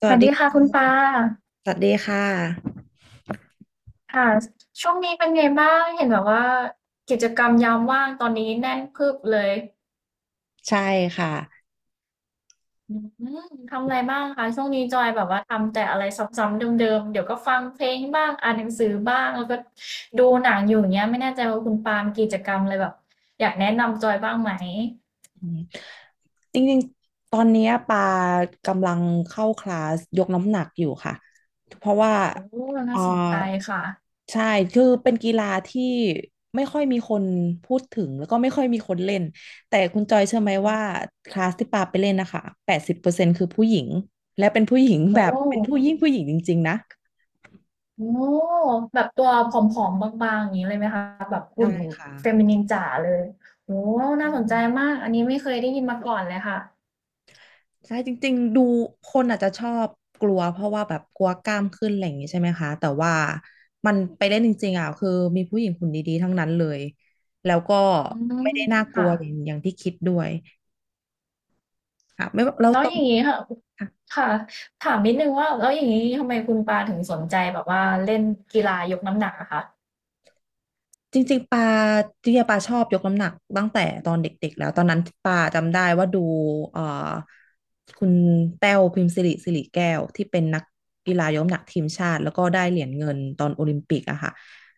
สสวัวัสสดีดีค่ะค่คุณปาะสวัสดีค่ะ ค่ะช่วงนี้เป็นไงบ้างเห็นแบบว่ากิจกรรมยามว่างตอนนี้แน่นพึบเลยใช่ค่ะอืทำอะไรบ้างคะช่วงนี้จอยแบบว่าทำแต่อะไรซ้ำๆเดิมๆเดี๋ยวก็ฟังเพลงบ้างอ่านหนังสือบ้างแล้วก็ดูหนังอยู่อย่างเงี้ยไม่แน่ใจว่าคุณปาล์มีกิจกรรมอะไรแบบอยากแนะนำจอยบ้างไหมอืมจริงๆตอนเนี้ยปากำลังเข้าคลาสยกน้ำหนักอยู่ค่ะเพราะว่าโอ้เอ่อน่าสนใจค่ะใช่คือเป็นกีฬาที่ไม่ค่อยมีคนพูดถึงแล้วก็ไม่ค่อยมีคนเล่นแต่คุณจอยเชื่อไหมว่าคลาสที่ปาไปเล่นนะคะ80%คือผู้หญิง และเป็นผู้หญิงโอแบบเป็นผู้้ ยิ่งผู้หญิงจริงๆนะโอ้แบบตัวผอมๆบางๆอย่างนี้เลยไหมคะแบบใช่หุ่นค่ะเฟมินินจ๋าเลยโอ้อืน่าสนใจม มากอันนี้ไม่เคยได้ยินมาก่อนเลยค่ะใช่จริงๆดูคนอาจจะชอบกลัวเพราะว่าแบบกลัวกล้ามขึ้นอะไรอย่างนี้ใช่ไหมคะแต่ว่ามันไปเล่นจริงๆอ่ะคือมีผู้หญิงหุ่นดีๆทั้งนั้นเลยแล้วก็อืไม่มได้น่ากลัค่ะวอย่างที่คิดด้วยค่ะไม่ว่าเราแล้วต้ออง ย่างนี้ค่ะค่ะถามนิดนึงว่าแล้วอย่างนี้ทำไมคุณปาถึงสนใจแบบว่าเล่นกีฬายกน้ำหนักอะคะจริงๆปาจริงๆปาชอบยกน้ำหนักตั้งแต่ตอนเด็กๆแล้วตอนนั้นปาจำได้ว่าดูเอ่อคุณแต้วพิมพ์สิริสิริแก้วที่เป็นนักกีฬายกน้ำหนักทีมชาติแล้วก็ได้เหรียญเงินตอนโอลิมปิกอะค่ะ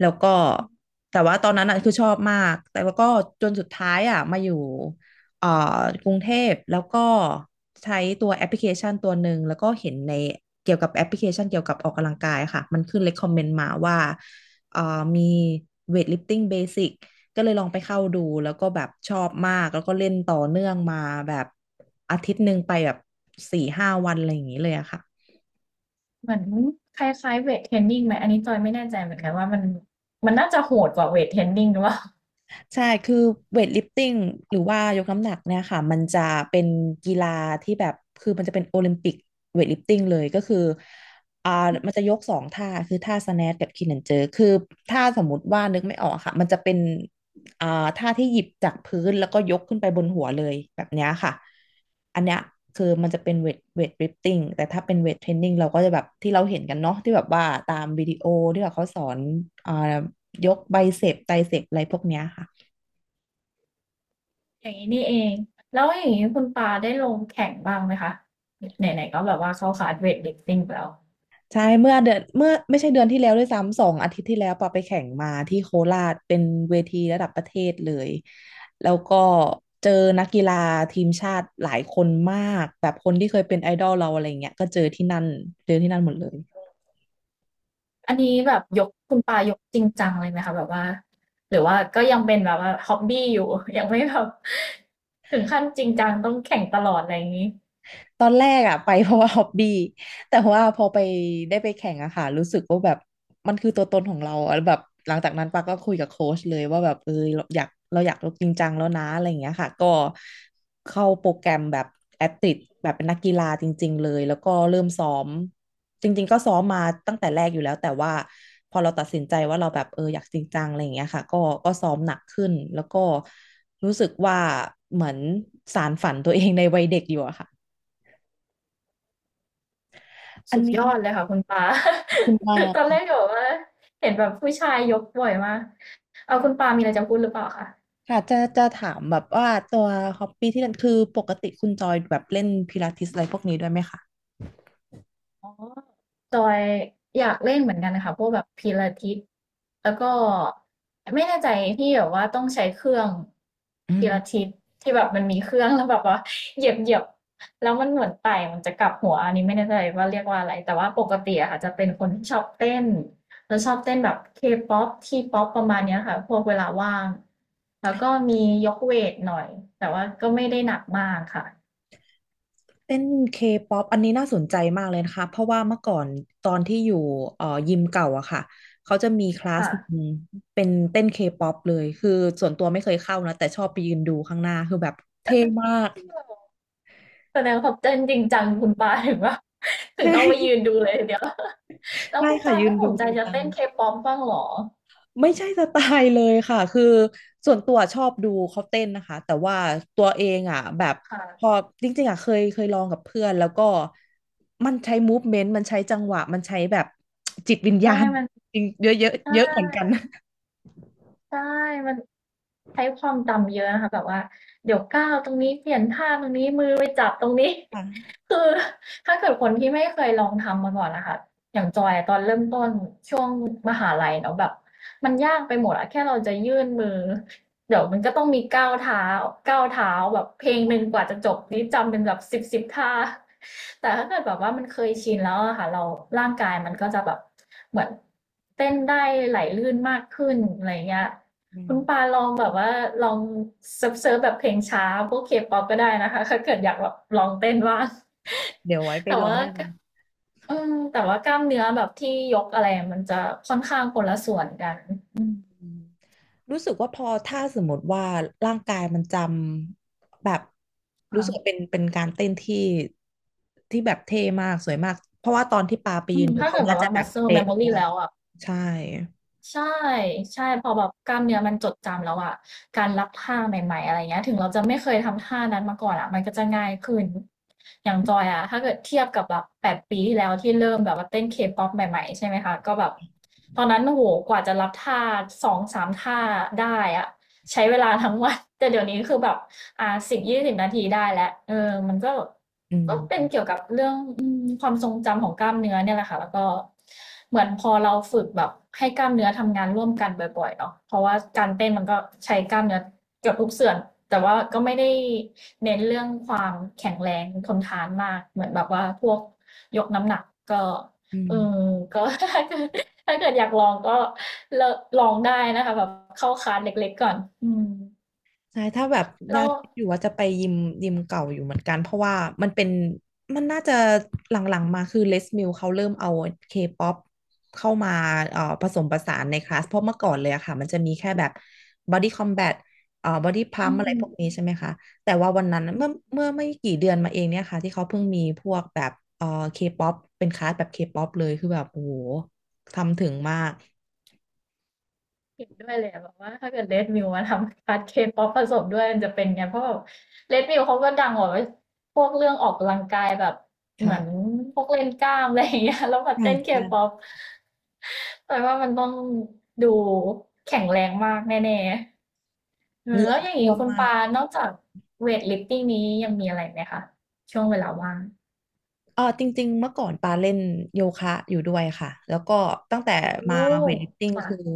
แล้วก็แต่ว่าตอนนั้นอะคือชอบมากแต่ว่าก็จนสุดท้ายอะมาอยู่เอ่อกรุงเทพแล้วก็ใช้ตัวแอปพลิเคชันตัวหนึ่งแล้วก็เห็นในเกี่ยวกับแอปพลิเคชันเกี่ยวกับออกกำลังกายอะค่ะมันขึ้น recommend มาว่า เอ่อมีเวทลิฟติ้งเบสิกก็เลยลองไปเข้าดูแล้วก็แบบชอบมากแล้วก็เล่นต่อเนื่องมาแบบอาทิตย์หนึ่งไปแบบ4-5 วันอะไรอย่างนี้เลยอะค่ะ เหมือนคล้ายๆเวทเทรนนิ่งไหมอันนี้จอยไม่แน่ใจเหมือนกันว่ามันมันน่าจะโหดกว่าเวทเทรนนิ่งหรือเปล่า ใช่คือเวทลิฟติ้งหรือว่ายกน้ำหนักเนี่ยค่ะมันจะเป็นกีฬาที่แบบคือมันจะเป็นโอลิมปิกเวทลิฟติ้งเลยก็คืออ่ามันจะยก2 ท่าคือท่าสแนทกับคีนแอนเจอร์คือท่าสมมติว่านึกไม่ออกอะค่ะมันจะเป็นอ่าท่าที่หยิบจากพื้นแล้วก็ยกขึ้นไปบนหัวเลยแบบเนี้ยค่ะอันเนี้ยคือมันจะเป็นเวทลิฟติ้งแต่ถ้าเป็นเวทเทรนนิ่งเราก็จะแบบที่เราเห็นกันเนาะที่แบบว่าตามวิดีโอที่แบบเขาสอนอ่ายกไบเซปไตรเซปอะไรพวกเนี้ยค่ะ อย่างนี้นี่เองแล้วอย่างนี้คุณปาได้ลงแข่งบ้างไหมคะไหนๆก็แบบว่าเข้าคลาสเวทลิฟติ้งไปแล้วใช่เมื่อไม่ใช่เดือนที่แล้วด้วยซ้ำ2 อาทิตย์ที่แล้วปอไปแข่งมาที่โคราชเป็นเวทีระดับประเทศเลยแล้วก็เจอนักกีฬาทีมชาติหลายคนมากแบบคนที่เคยเป็นไอดอลเราอะไรเงี้ยก็เจอที่นั่นเจอที่นั่นหมดเลย อันนี้แบบยกคุณปายกจริงจังเลยไหมคะแบบว่าหรือว่าก็ยังเป็นแบบว่าฮ็อบบี้อยู่ ยังไม่แบบ ถึงขั้นจริงจังต้องแข่งตลอดอะไรอย่างนี้ตอนแรกอะไป เพราะว่าฮอบบี้แต่ว่าพอไปได้ไปแข่งอะค่ะรู้สึกว่าแบบมันคือตัวตนของเราอะแบบหลังจากนั้นปาก็คุยกับโค้ชเลยว่าแบบเออเราอยากเราอยากลงจริงจังแล้วนะอะไรอย่างเงี้ยค่ะก็เข้าโปรแกรมแบบแอตติแบบเป็นนักกีฬาจริงๆเลยแล้วก็เริ่มซ้อมจริงๆก็ซ้อมมาตั้งแต่แรกอยู่แล้วแต่ว่าพอเราตัดสินใจว่าเราแบบเอออยากจริงจังอะไรอย่างเงี้ยค่ะก็ซ้อมหนักขึ้นแล้วก็รู้สึกว่าเหมือนสานฝันตัวเองในวัยเด็กอยู่อะค่ะ อันสุดนี้ยอดเลยค่ะคุณปา ขอบคุ ณมากตอนแรกก็บอกว่าเห็นแบบผู้ชายยกบ่อยมากเอาคุณปามีอะไรจะพูดหรือเปล่าคะค่ะจะถามแบบว่าตัวฮอบบี้ที่เล่นคือปกติคุณจอยแบบเล่นพิลาทิสอะไรพวกนี้ด้วยไหมคะอ๋อ จอยอยากเล่นเหมือนกันนะคะพวกแบบพิลาทิสแล้วก็ไม่แน่ใจที่แบบว่าต้องใช้เครื่องอืพิลามทิสที่แบบมันมีเครื่องแล้วแบบว่าเหยียบเหยียบแล้วมันเหมือนไต่มันจะกลับหัวอันนี้ไม่แน่ใจว่าเรียกว่าอะไรแต่ว่าปกติอะค่ะจะเป็นคนที่ชอบเต้นแล้วชอบเต้นแบบเคป๊อปทีป๊อปประมาณเนี้ยค่ะพวกเวลาว่างแล้วก็มียกเวทหน่อยแต่ว่าก็ไม่ได้หนักมากค่ะเต้นเคป๊อปอันนี้น่าสนใจมากเลยนะคะเพราะว่าเมื่อก่อนตอนที่อยู่ยิมเก่าอะค่ะเขาจะมีคลาสค่ะ หนึ่งเป็นเต้นเคป๊อปเลยคือส่วนตัวไม่เคยเข้านะแต่ชอบไปยืนดูข้างหน้าคือแบบเท่มากแสดงความเต้นจริงจังคุณปาถึงว่า ถึงใช่ ต้อง ไปยืนดูเลยทีเดียว แล้วใช่คุณค่ะปายืนไม่สดูนใจจริงจะจัง เต้นเคป๊อปบ้างเหรอไม่ใช่สไตล์เลยค่ะ คือส่วนตัวชอบดูเขาเต้นนะคะแต่ว่าตัวเองอ่ะแบบพอค่ะจริงๆอ่ะเคยลองกับเพื่อนแล้วก็มันใช้มูฟเมนต์มันใช้จังหวะมันใช้แบบจิตวิญใช่ญาณมันจริงเยอะเยอะใช่เยอะเหมือนกันใช่มันใช้ความจำเยอะนะคะแบบว่าเดี๋ยวก้าวตรงนี้เปลี่ยนท่าตรงนี้มือไปจับตรงนี้ ค่ะ คือถ้าเกิดคนที่ไม่เคยลองทำมาก่อนนะคะอย่างจอยอะตอนเริ่มต้นช่วงมหาลัยเนาะแบบมันยากไปหมดอะแค่เราจะยื่นมือ เดี๋ยวมันก็ต้องมีก้าวเท้าก้าวเท้าแบบเพลงหนึ่งกว่าจะจบนี่จำเป็นแบบสิบท่า แต่ถ้าเกิดแบบว่ามันเคยชินแล้วอะค่ะเราร่างกายมันก็จะแบบเหมือนเต้นได้ไหลลื่นมากขึ้นอะไรเงี้ย อืคุมณปาลองแบบว่าลองเซิร์ฟแบบเพลงช้าพวกเคป๊อปก็ได้นะคะถ้าเกิดอยากแบบลองเต้นว่าง เดี๋ยวไว้ ไปแต่ลองว่าได้ กอืมแต่ว่ากล้ามเนื้อแบบที่ยกอะไรมันจะค่อนข้างคนละส่วนกันอืมอืมรู้สึกว่าพอถ้าสมมติว่าร่างกายมันจำแบบรู้ค่ะ สึกว่าเป็นการเต้นที่ที่แบบเท่มากสวยมากเพราะว่าตอนที่ปาไปอืยืมนดูถ้าเขาเกิดแบน่าบจะว่า แบบ muscle เป๊ะ memory ว่าแล้วอ่ะใช่ใช่ใช่พอแบบกล้ามเนื้อมันจดจำแล้วอ่ะการรับท่าใหม่ๆอะไรเงี้ยถึงเราจะไม่เคยทำท่านั้นมาก่อนอ่ะมันก็จะง่ายขึ้นอย่างจอยอ่ะถ้าเกิดเทียบกับแบบ8 ปีที่แล้วที่เริ่มแบบว่าเต้นเคป๊อปใหม่ๆใช่ไหมคะก็แบบตอนนั้นโอ้โหกว่าจะรับท่าสองสามท่าได้อ่ะใช้เวลาทั้งวันแต่เดี๋ยวนี้คือแบบ 10-20 นาทีได้แล้วเออมันก็อืก็เป็นมเกี่ยวกับเรื่องอืมความทรงจำของกล้ามเนื้อเนี่ยแหละค่ะแล้วก็เหมือนพอเราฝึกแบบให้กล้ามเนื้อทำงานร่วมกันบ่อยๆเนาะเพราะว่าการเต้นมันก็ใช้กล้ามเนื้อเกือบทุกส่วนแต่ว่าก็ไม่ได้เน้นเรื่องความแข็งแรงทนทานมากเหมือนแบบว่าพวกยกน้ำหนักก็อืม เออก็ ถ้าเกิดถ้าเกิดอยากลองก็เลลองได้นะคะแบบเข้าคลาสเล็กๆก่อนอืมใช่ ถ้าแบบยัแล้งวคิดอยู่ว่าจะไปยิมเก่าอยู่เหมือนกัน เพราะว่ามันเป็นมันน่าจะหลังๆมาคือเลสมิลเขาเริ่มเอาเคป๊อปเข้ามาผสมผสานในคลาสเพราะเมื่อก่อนเลยอะค่ะมันจะมีแค่แบบบอดี้คอมแบทบอดี้พัอืมอะไรม พวกนี้ใช่ไหมคะแต่ว่าวันนั้นเมื่อไม่กี่เดือนมาเองเนี่ยค่ะที่เขาเพิ่งมีพวกแบบเคป๊อปเป็นคลาสแบบเคป๊อปเลยคือแบบโอ้โหทำถึงมากเห็นด้วยเลยอะแบบว่าถ้าเกิด Red Mill มวมาทำคัดเคป๊อปผสมด้วยมันจะเป็นไงเพราะแบบ Red Mill เขาก็ดังกว่าพวกเรื่องออกกำลังกายแบบเหมือนค่ะพวกเล่นกล้ามอะไรอย่างเงี้ย แล้วมาใช่เต้นเคใช่ป๊อปแต่ว่ามันต้องดูแข็งแรงมากแน่ๆเอเหองื่อแล้วอย่างท่นี้วมคุณมาก ปา นอกจากเวทลิฟติ้งนี้ยังมีอะไรไหมคะช่วงเวลาว่างเออจริงๆเมื่อก่อนปาเล่นโยคะอยู่ด้วยค่ะแล้วก็ตั้งแต่โอ้มาเวทลิฟติ้งคือค่ะ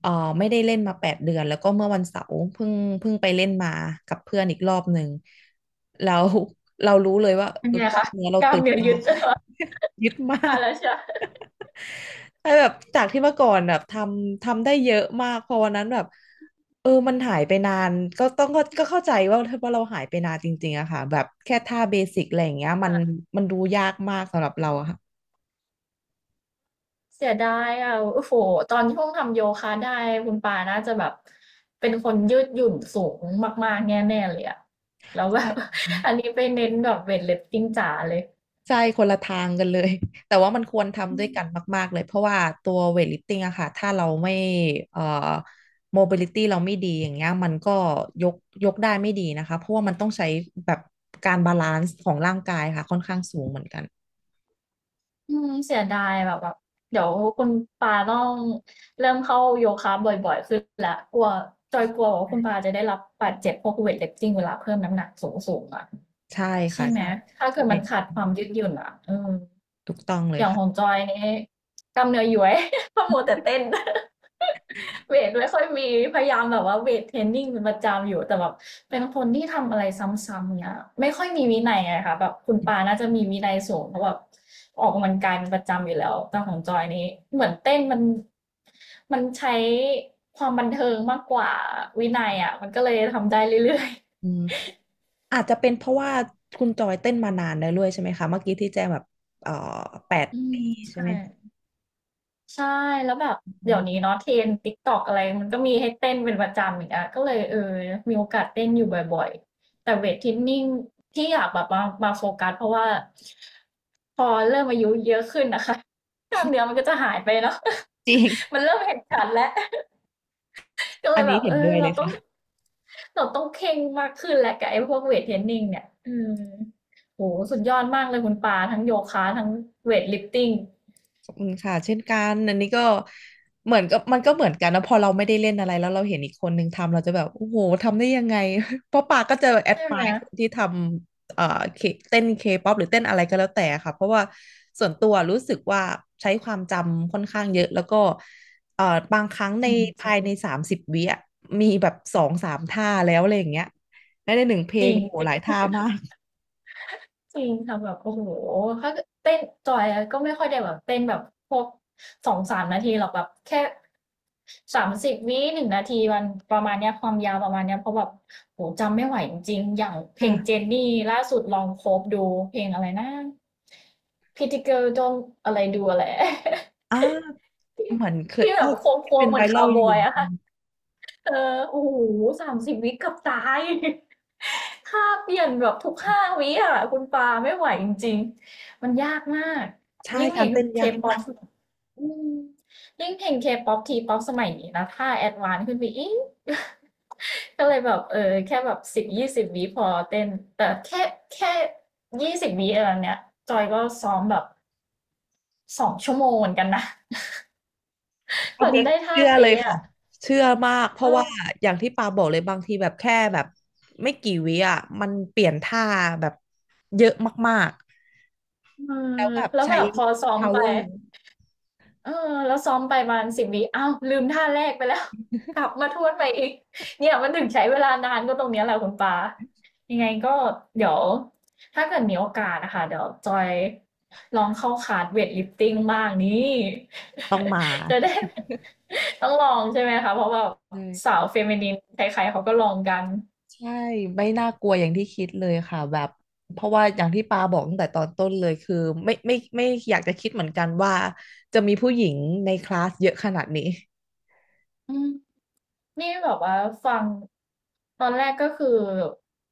เออไม่ได้เล่นมา8 เดือนแล้วก็เมื่อวันเสาร์เพิ่งไปเล่นมากับเพื่อนอีกรอบหนึ่งแล้วเรารู้เลยว่าเป็นไงกล้าคะมเนื้อเรากล้าตึมงเนื้อมายึก ด ยึดมา มากแล้วใช่ไหม ไอ้แบบจากที่เมื่อก่อนแบบทำได้เยอะมากพอวันนั้นแบบมันหายไปนานก็ต้องก็ก็เข้าใจว่าเราหายไปนานจริงๆอะค่ะแบบแค่ท่าเบสิกอะไรอย่างเงี้ยมันดูยากมากสำหรับเรา เสียดายอะโอ้โฮตอนช่วงทำโยคะได้คุณปาน่าจะแบบเป็นคนยืดหยุ่นสูงมากๆแน่ๆเลยอะแล้วแบบ ใช่ อันนี้ไปเน้นแบบเวตลิฟติ้งจ๋าเลยใช่คนละทางกันเลย แต่ว่ามันควรอืทำด้วยกันมมากๆเลยเพราะว่าตัวเวทลิฟติ้งอะค่ะถ้าเราไม่เอ่อโมบิลิตี้เราไม่ดีอย่างเงี้ยมันก็ยกยกได้ไม่ดีนะคะเพราะว่ามันต้องใช้แบบการบาลานซ์ของร่างกายค่ะค่อนข้างสูงเหมือนกันอืมเสียดายแบบแบบเดี๋ยวคุณปาต้องเริ่มเข้าโยคะบ่อยๆขึ้นแล้วกลัวจอยกลัวว่าคุณปาจะได้รับบาดเจ็บพวกเวตลิฟติ้งเวลาเพิ่มน้ำหนักสูงๆอะ ใช่ใช่ค่ะไหมใช่ถ้าเกิใช่ดมันขาดความยืดหยุ่นอ่ะเออถูกต้องเลอยย่างค่ะของจอยนี่กล้ามเนื้อย้วย เพราะมัวแต่เต้น เวทไม่ค่อยมีพยายามแบบว่าเวทเทรนนิ่งเป็นประจำอยู่แต่แบบเป็นคนที่ทำอะไรซ้ำๆเนี่ยไม่ค่อยมีวินัยอะค่ะแบบคุณปาน่าจะมีวินัยสูงเพราะแบบออกกำลังกายเป็นประจำอยู่แล้วแต่ของจอยนี่เหมือนเต้นมันใช้ความบันเทิงมากกว่าวินัยอะมันก็เลยทำได้เรื่อยอืมอาจจะเป็นเพราะว่าคุณจอยเต้นมานานแล้วด้วยใช่ไหมคะเมื่อกี้ที่แจ้งแบบเอ่อแปดๆอืมปีใช่ใช่ ไหมใช่แล้วแบบอืเดี๋ยวนี้มเนาะเทรน n d TikTok อะไรมันก็มีให้เต้นเป็นประจำอีกอะก็เลยเออมีโอกาสเต้นอยู่บ่อยๆแต่เวตเทรนนิงที่อยากแบบมาโฟกัสเพราะว่าพอเริ่มอายุเยอะขึ้นน่ะค่ะ กล้ามเนื้อมันก็จะหายไปเนาะ จริ งมันเริ่มเห็นชัดแล้วก็เลอันยแบนี้บเห็เอนอด้วยเราเลยต้องค่ะ เราต้องเคร่งมากขึ้นแหละกับไอ้พวกเวตเทรนนิงเนี่ยอืมโอ้โฮสุดยอดมากเลยคุณปาทั้งโยคะทั้งเวตลิฟติงขอบคุณค่ะเช่นกันอันนี้ก็เหมือนกับมันก็เหมือนกันนะพอเราไม่ได้เล่นอะไรแล้วเราเห็นอีกคนนึงทำเราจะแบบโอ้โหทำได้ยังไง เพราะปาก็จะแอดใช่มาไหมยคนที่ทำเคเต้นเคป๊อปหรือเต้นอะไรก็แล้วแต่ค่ะเพราะว่าส่วนตัวรู้สึกว่าใช้ความจำค่อนข้างเยอะแล้วก็เอ่อบางครั้งจริภายงใน30 วิอะมีแบบสองสามท่าแล้วอะไรอย่างเงี้ยและในหนึ่งเพลๆจรงโอ้โหิหงลายๆ ท่ามากจริงค่ะแบบโอ้โฮถ้าเกิดเต้นจอยอะก็ไม่ค่อยได้แบบเต้นแบบพวก2-3นาทีหรอกแบบแค่30วิ1นงนาทีมันประมาณเนี้ยความยาวประมาณเนี้ยเพราะแบบโอ้โฮจำไม่ไหวจริงๆอย่างเพลงเจค่ะนนี่ล่าสุดลอง c o v e ดูเพลงอะไรนะ Pretty Girl Don't อะไร Do อะไร อ่า ที่เหมือนเคยที่แบเอ้บยโค้เป็งนๆเหไวมือนรัคาลวบออยู่ ยอะค่ะ เออโอ้โฮ30วิเกือบตาย ค่าเปลี่ยนแบบทุก5วิอะคุณปาไม่ไหวจริงๆมันยากมากใช่ยิ่งเพกาลรง เต้นยากมา K-pop กสอืมยิ่งเพลง K-pop T-pop สมัยนี้นะถ้าแอดวานซ์ขึ้นไปอีก ก็เลยแบบเออแค่แบบ10-20วิพอเต้นแต่แค่20วิอะไรเนี้ยจอยก็ซ้อมแบบ2ชั่วโมงเหมือนกันนะ อักนว่านี้จะได้ท่าเชื่อเลยเป๊ะค่ะอะเชื่อมากเพเอราะอว่าอย่างที่ปาบอกเลยบางทีแบบแค่แบบไม่กี่วิอ่ะมันเปลี่ยนท่าแบบเยอะมากเออๆแล้วแบบแล้วใช้ แบบพอซ้อมไป power เออแล้วซ้อมไปประมาณสิ0วิอ้าวลืมท่าแรกไปแล้ว กลับมาทวนไปอีกเนี่ยมันถึงใช้เวลานานก็ตรงเนี้ยแหละคุณปายังไงก็เดี๋ยวถ้าเกิดมีโอกาสนะคะเดี๋ยวจอยลองเข้าคลาสเวทลิฟติ้งบ้างนี่ ต้องมา จะได้ ต้องลองใช่ไหมคะเพราะว่าเลสายวเฟมินินใครๆเขาก็ลองกันใช่ไม่น่ากลัวอย่างที่คิดเลยค่ะแบบเพราะว่าอย่างที่ปาบอกตั้งแต่ตอนต้นเลยคือไม่อยากจะคิดเหมือนกันว่าจะมีผู้หญิงในคลาสเยอะขนาดนี้อืม นี่แบบว่าฟังตอนแรกก็คือ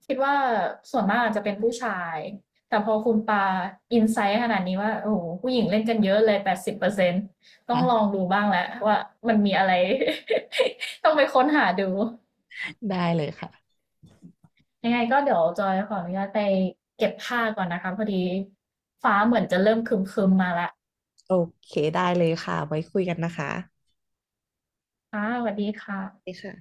คิดว่าส่วนมากอาจจะเป็นผู้ชายแต่พอคุณปาอินไซต์ขนาดนี้ว่าโอ้โหผู้หญิงเล่นกันเยอะเลย80%ต้องลองค่ะดูบ้างแล้วว่ามันมีอะไร ต้องไปค้นหาดูได้เลยค่ะยังไงก็เดี๋ยวจอยขออนุญาตไปเก็บผ้าก่อนนะคะพอดีฟ้าเหมือนจะเริ่มครึมๆมาละโอเคได้เลยค่ะไว้คุยกันนะคะค่ะสวัสดีคดี่ะค่ะ